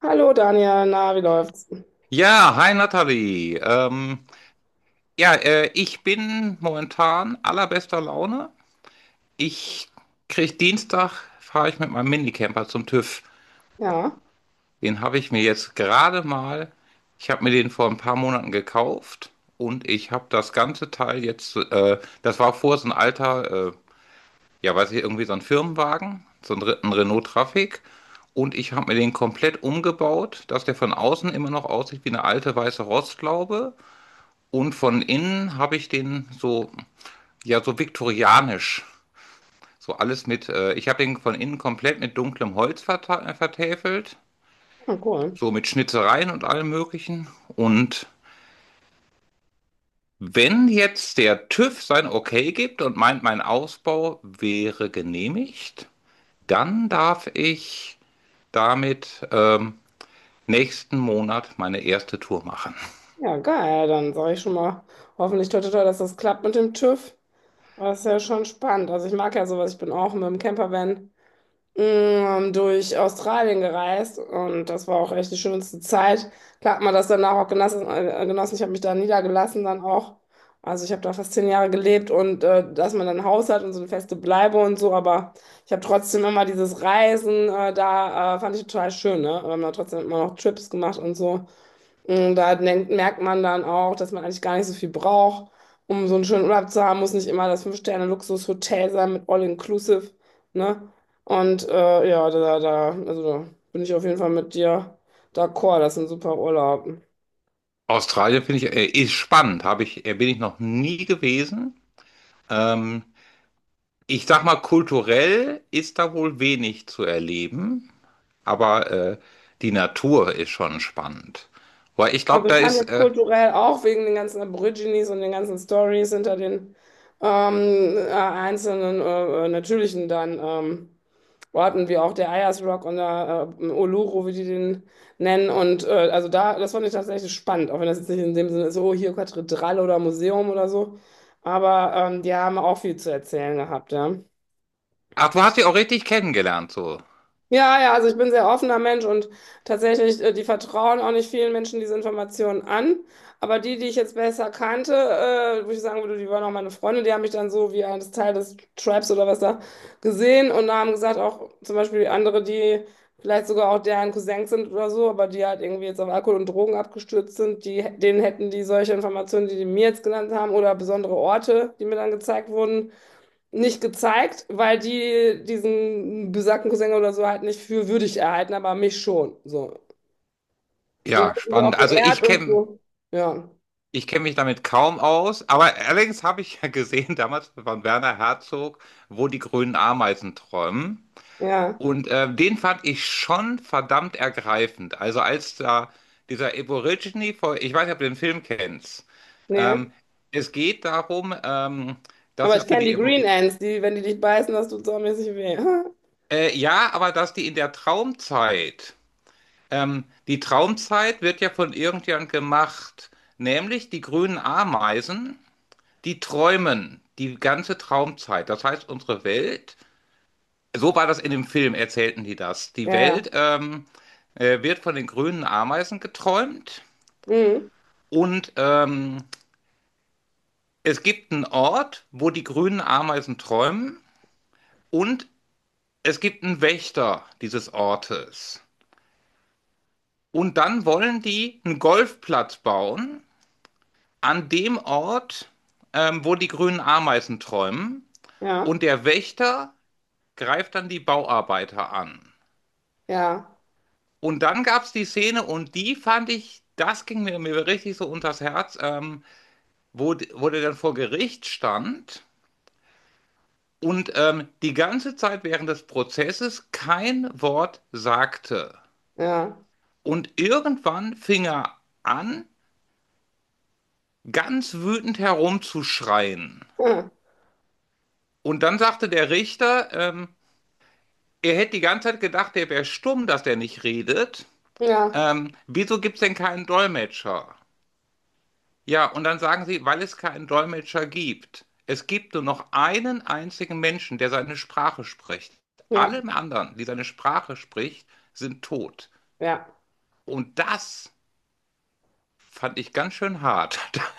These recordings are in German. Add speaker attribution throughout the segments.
Speaker 1: Hallo Daniel, na, wie läuft's?
Speaker 2: Ja, hi Nathalie. Ja, ich bin momentan allerbester Laune. Ich krieg Dienstag, fahre ich mit meinem Minicamper zum TÜV.
Speaker 1: Ja,
Speaker 2: Den habe ich mir jetzt gerade mal, ich habe mir den vor ein paar Monaten gekauft und ich habe das ganze Teil jetzt, das war vor so ein alter, ja weiß ich, irgendwie so ein Firmenwagen, so ein, ein Renault Traffic. Und ich habe mir den komplett umgebaut, dass der von außen immer noch aussieht wie eine alte weiße Rostlaube. Und von innen habe ich den so, ja, so viktorianisch. So alles mit, ich habe den von innen komplett mit dunklem Holz vertäfelt.
Speaker 1: ah, cool.
Speaker 2: So mit Schnitzereien und allem Möglichen. Und wenn jetzt der TÜV sein Okay gibt und meint, mein Ausbau wäre genehmigt, dann darf ich damit nächsten Monat meine erste Tour machen.
Speaker 1: Ja, geil, dann sage ich schon mal hoffentlich toi toi toi, dass das klappt mit dem TÜV. Das ist ja schon spannend. Also ich mag ja sowas, ich bin auch mit dem Campervan durch Australien gereist und das war auch echt die schönste Zeit. Klar hat man das danach auch genossen. Genossen. Ich habe mich da niedergelassen dann auch. Also ich habe da fast zehn Jahre gelebt und, dass man dann ein Haus hat und so eine feste Bleibe und so, aber ich habe trotzdem immer dieses Reisen, fand ich total schön, ne? Wir haben da trotzdem immer noch Trips gemacht und so. Und merkt man dann auch, dass man eigentlich gar nicht so viel braucht, um so einen schönen Urlaub zu haben, muss nicht immer das Fünf-Sterne-Luxus-Hotel sein mit All-Inclusive, ne? Und also da bin ich auf jeden Fall mit dir d'accord, das ist ein super Urlaub.
Speaker 2: Australien finde ich, ist spannend. Habe ich, bin ich noch nie gewesen. Ähm, Ich sag mal, kulturell ist da wohl wenig zu erleben, aber die Natur ist schon spannend. Weil ich glaube,
Speaker 1: Also ich
Speaker 2: da
Speaker 1: fand
Speaker 2: ist.
Speaker 1: jetzt
Speaker 2: Äh,
Speaker 1: kulturell auch wegen den ganzen Aborigines und den ganzen Stories hinter den einzelnen natürlichen dann, wo hatten wir auch der Ayers Rock und der Uluru, wie die den nennen. Und also da, das fand ich tatsächlich spannend, auch wenn das jetzt nicht in dem Sinne ist, oh, hier Kathedrale oder Museum oder so. Aber die haben auch viel zu erzählen gehabt, ja.
Speaker 2: Ach, du hast sie auch richtig kennengelernt, so.
Speaker 1: Ja, ja, also ich bin ein sehr offener Mensch und tatsächlich, die vertrauen auch nicht vielen Menschen diese Informationen an. Aber die, die ich jetzt besser kannte, wo ich sagen würde, die waren auch meine Freunde, die haben mich dann so wie eines Teil des Tribes oder was da gesehen und haben gesagt, auch zum Beispiel andere, die vielleicht sogar auch deren Cousins sind oder so, aber die halt irgendwie jetzt auf Alkohol und Drogen abgestürzt sind, denen hätten die solche Informationen, die mir jetzt genannt haben oder besondere Orte, die mir dann gezeigt wurden, nicht gezeigt, weil die diesen besagten Cousin oder so halt nicht für würdig erhalten, aber mich schon. So. Und das
Speaker 2: Ja,
Speaker 1: hat mich auch
Speaker 2: spannend. Also
Speaker 1: geehrt
Speaker 2: ich
Speaker 1: und
Speaker 2: kenne
Speaker 1: so. Ja,
Speaker 2: ich kenn mich damit kaum aus, aber allerdings habe ich ja gesehen damals von Werner Herzog, wo die grünen Ameisen träumen.
Speaker 1: ja,
Speaker 2: Und den fand ich schon verdammt ergreifend. Also als da dieser Aborigine vor, ich weiß nicht, ob du den Film kennst.
Speaker 1: nee.
Speaker 2: Ähm, Es geht darum, dass
Speaker 1: Aber
Speaker 2: es
Speaker 1: ich
Speaker 2: für
Speaker 1: kenne
Speaker 2: die
Speaker 1: die Green
Speaker 2: Evolution.
Speaker 1: Ants, die, wenn die dich beißen, das tut saumäßig weh.
Speaker 2: Ja, aber dass die in der Traumzeit. Die Traumzeit wird ja von irgendjemand gemacht, nämlich die grünen Ameisen, die träumen die ganze Traumzeit. Das heißt, unsere Welt, so war das in dem Film, erzählten die das.
Speaker 1: Ja,
Speaker 2: Die
Speaker 1: ja.
Speaker 2: Welt wird von den grünen Ameisen geträumt
Speaker 1: Mhm.
Speaker 2: und es gibt einen Ort, wo die grünen Ameisen träumen und es gibt einen Wächter dieses Ortes. Und dann wollen die einen Golfplatz bauen an dem Ort, wo die grünen Ameisen träumen.
Speaker 1: Ja,
Speaker 2: Und der Wächter greift dann die Bauarbeiter an.
Speaker 1: ja,
Speaker 2: Und dann gab es die Szene und die fand ich, das ging mir richtig so unters Herz, wo, wo der dann vor Gericht stand und die ganze Zeit während des Prozesses kein Wort sagte.
Speaker 1: ja.
Speaker 2: Und irgendwann fing er an, ganz wütend herumzuschreien. Und dann sagte der Richter, er hätte die ganze Zeit gedacht, er wäre stumm, dass er nicht redet.
Speaker 1: Ja, ja,
Speaker 2: Wieso gibt es denn keinen Dolmetscher? Ja, und dann sagen sie, weil es keinen Dolmetscher gibt. Es gibt nur noch einen einzigen Menschen, der seine Sprache spricht.
Speaker 1: ja.
Speaker 2: Alle anderen, die seine Sprache spricht, sind tot.
Speaker 1: Ja.
Speaker 2: Und das fand ich ganz schön hart.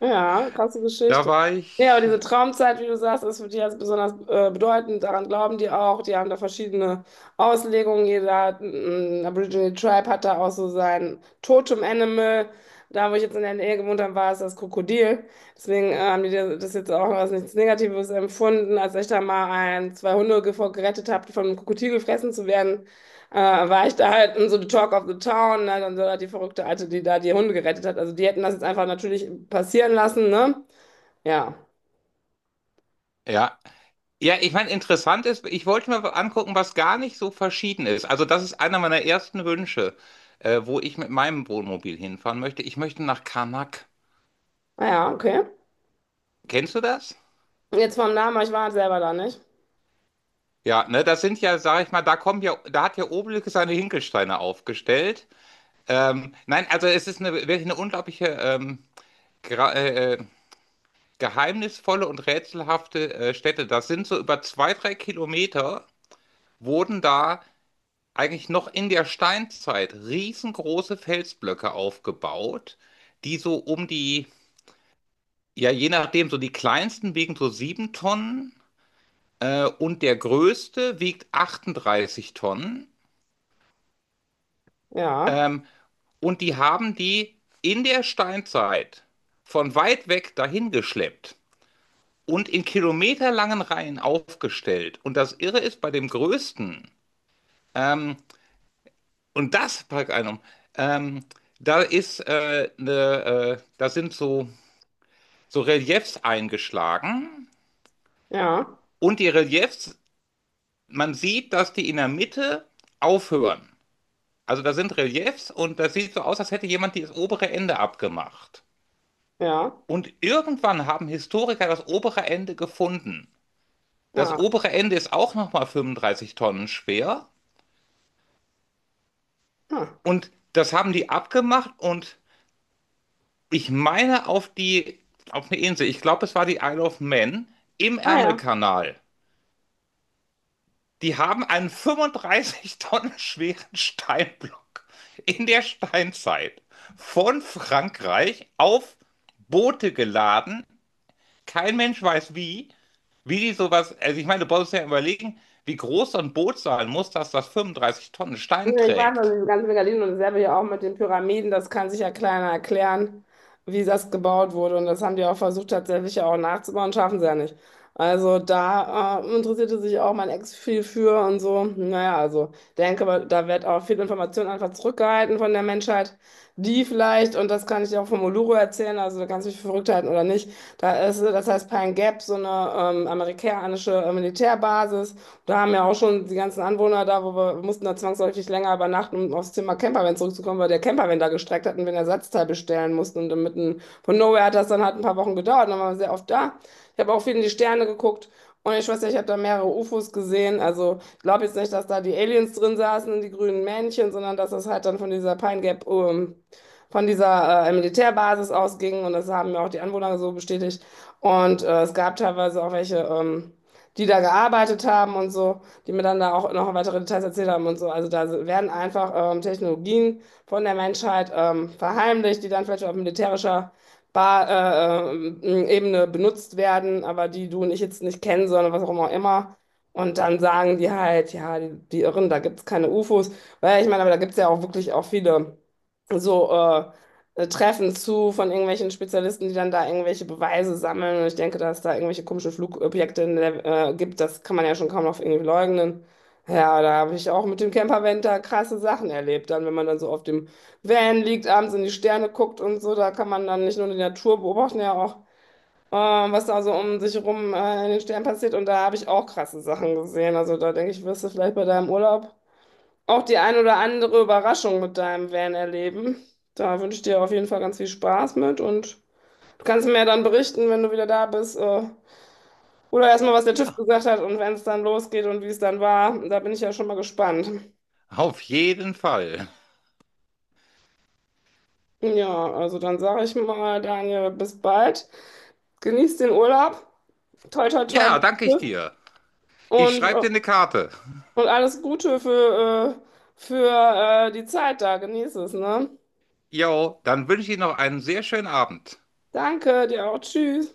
Speaker 1: Ja, krasse
Speaker 2: Da
Speaker 1: Geschichte.
Speaker 2: war
Speaker 1: Ja, aber diese
Speaker 2: ich,
Speaker 1: Traumzeit, wie du sagst, ist für die jetzt besonders, bedeutend. Daran glauben die auch. Die haben da verschiedene Auslegungen. Jeder Aboriginal Tribe hat da auch so sein Totem-Animal. Da, wo ich jetzt in der Nähe gewohnt habe, war es das Krokodil. Deswegen haben die das jetzt auch als nichts Negatives empfunden, als ich da mal ein, zwei Hunde ge- vor gerettet habe, die von einem Krokodil gefressen zu werden. War ich da halt in so the Talk of the Town, ne? Dann so halt die verrückte Alte, die da die Hunde gerettet hat. Also die hätten das jetzt einfach natürlich passieren lassen, ne? Ja.
Speaker 2: ja, ja, ich meine, interessant ist, ich wollte mir angucken, was gar nicht so verschieden ist. Also das ist einer meiner ersten Wünsche, wo ich mit meinem Wohnmobil hinfahren möchte. Ich möchte nach Karnak.
Speaker 1: Ah ja, okay.
Speaker 2: Kennst du das?
Speaker 1: Jetzt vom Namen, aber ich war halt selber da nicht.
Speaker 2: Ja, ne, das sind ja, sag ich mal, da kommen ja, da hat ja Obelix seine Hinkelsteine aufgestellt. Nein, also es ist eine, wirklich eine unglaubliche, gra- äh, äh, geheimnisvolle und rätselhafte Stätte. Das sind so über zwei, drei Kilometer wurden da eigentlich noch in der Steinzeit riesengroße Felsblöcke aufgebaut, die so um die, ja, je nachdem, so die kleinsten wiegen so 7 Tonnen und der größte wiegt 38 Tonnen.
Speaker 1: Ja,
Speaker 2: Ähm, und die haben die in der Steinzeit von weit weg dahin geschleppt und in kilometerlangen Reihen aufgestellt. Und das Irre ist bei dem größten, ähm, Und das, pack einem, ähm, da ist da sind so, so Reliefs eingeschlagen
Speaker 1: ja,
Speaker 2: und die Reliefs, man sieht, dass die in der Mitte aufhören. Also da sind Reliefs und das sieht so aus, als hätte jemand das obere Ende abgemacht.
Speaker 1: ja,
Speaker 2: Und irgendwann haben Historiker das obere Ende gefunden. Das
Speaker 1: ja.
Speaker 2: obere Ende ist auch nochmal 35 Tonnen schwer
Speaker 1: Ah,
Speaker 2: und das haben die abgemacht und ich meine auf die, auf eine Insel. Ich glaube, es war die Isle of Man im
Speaker 1: ah ja.
Speaker 2: Ärmelkanal. Die haben einen 35 Tonnen schweren Steinblock in der Steinzeit von Frankreich auf Boote geladen. Kein Mensch weiß wie, wie die sowas, also ich meine, du musst ja überlegen, wie groß so ein Boot sein muss, dass das 35 Tonnen
Speaker 1: Ja,
Speaker 2: Stein
Speaker 1: ich weiß noch,
Speaker 2: trägt.
Speaker 1: diese ganzen Gardinen und dasselbe ja auch mit den Pyramiden, das kann sich ja keiner erklären, wie das gebaut wurde. Und das haben die auch versucht, tatsächlich ja auch nachzubauen, schaffen sie ja nicht. Also da interessierte sich auch mein Ex viel für und so. Naja, also denke, aber da wird auch viel Information einfach zurückgehalten von der Menschheit, die vielleicht, und das kann ich dir auch vom Uluru erzählen, also da kannst du dich für verrückt halten oder nicht, da ist, das heißt Pine Gap, so eine amerikanische Militärbasis. Da haben ja auch schon die ganzen Anwohner da, wo wir mussten da zwangsläufig länger übernachten, um aufs Thema Campervan zurückzukommen, weil der Campervan da gestreckt hat und wir ein Ersatzteil bestellen mussten. Und dann mitten von Nowhere hat das dann halt ein paar Wochen gedauert, dann waren wir sehr oft da. Ich habe auch viel in die Sterne geguckt. Und ich weiß nicht, ich habe da mehrere UFOs gesehen. Also ich glaube jetzt nicht, dass da die Aliens drin saßen und die grünen Männchen, sondern dass das halt dann von dieser Pine Gap, von dieser Militärbasis ausgingen und das haben mir auch die Anwohner so bestätigt. Und es gab teilweise auch welche, die da gearbeitet haben und so, die mir dann da auch noch weitere Details erzählt haben und so. Also da werden einfach Technologien von der Menschheit verheimlicht, die dann vielleicht auf militärischer Bar, äh, ähm, Ebene benutzt werden, aber die du und ich jetzt nicht kennen, sondern was auch immer. Immer. Und dann sagen die halt, ja, die, die Irren, da gibt's keine UFOs. Weil ich meine, aber da gibt's ja auch wirklich auch viele so Treffen zu von irgendwelchen Spezialisten, die dann da irgendwelche Beweise sammeln. Und ich denke, dass da irgendwelche komischen Flugobjekte in der gibt, das kann man ja schon kaum noch irgendwie leugnen. Ja, da habe ich auch mit dem Campervan da krasse Sachen erlebt. Dann, wenn man dann so auf dem Van liegt, abends in die Sterne guckt und so, da kann man dann nicht nur die Natur beobachten, ja auch, äh, was da so um sich herum in den Sternen passiert. Und da habe ich auch krasse Sachen gesehen. Also da denke ich, wirst du vielleicht bei deinem Urlaub auch die ein oder andere Überraschung mit deinem Van erleben. Da wünsche ich dir auf jeden Fall ganz viel Spaß mit und du kannst mir ja dann berichten, wenn du wieder da bist, oder erstmal, was der TÜV
Speaker 2: Ja,
Speaker 1: gesagt hat und wenn es dann losgeht und wie es dann war. Da bin ich ja schon mal gespannt.
Speaker 2: auf jeden Fall.
Speaker 1: Ja, also dann sage ich mal, Daniel, bis bald. Genieß den Urlaub. Toi, toi, toi
Speaker 2: Ja,
Speaker 1: mit dem
Speaker 2: danke ich
Speaker 1: TÜV.
Speaker 2: dir. Ich
Speaker 1: Und,
Speaker 2: schreibe
Speaker 1: äh,
Speaker 2: dir eine Karte.
Speaker 1: und alles Gute für, die Zeit da. Genieß es, ne?
Speaker 2: Jo, dann wünsche ich Ihnen noch einen sehr schönen Abend.
Speaker 1: Danke, dir auch. Tschüss.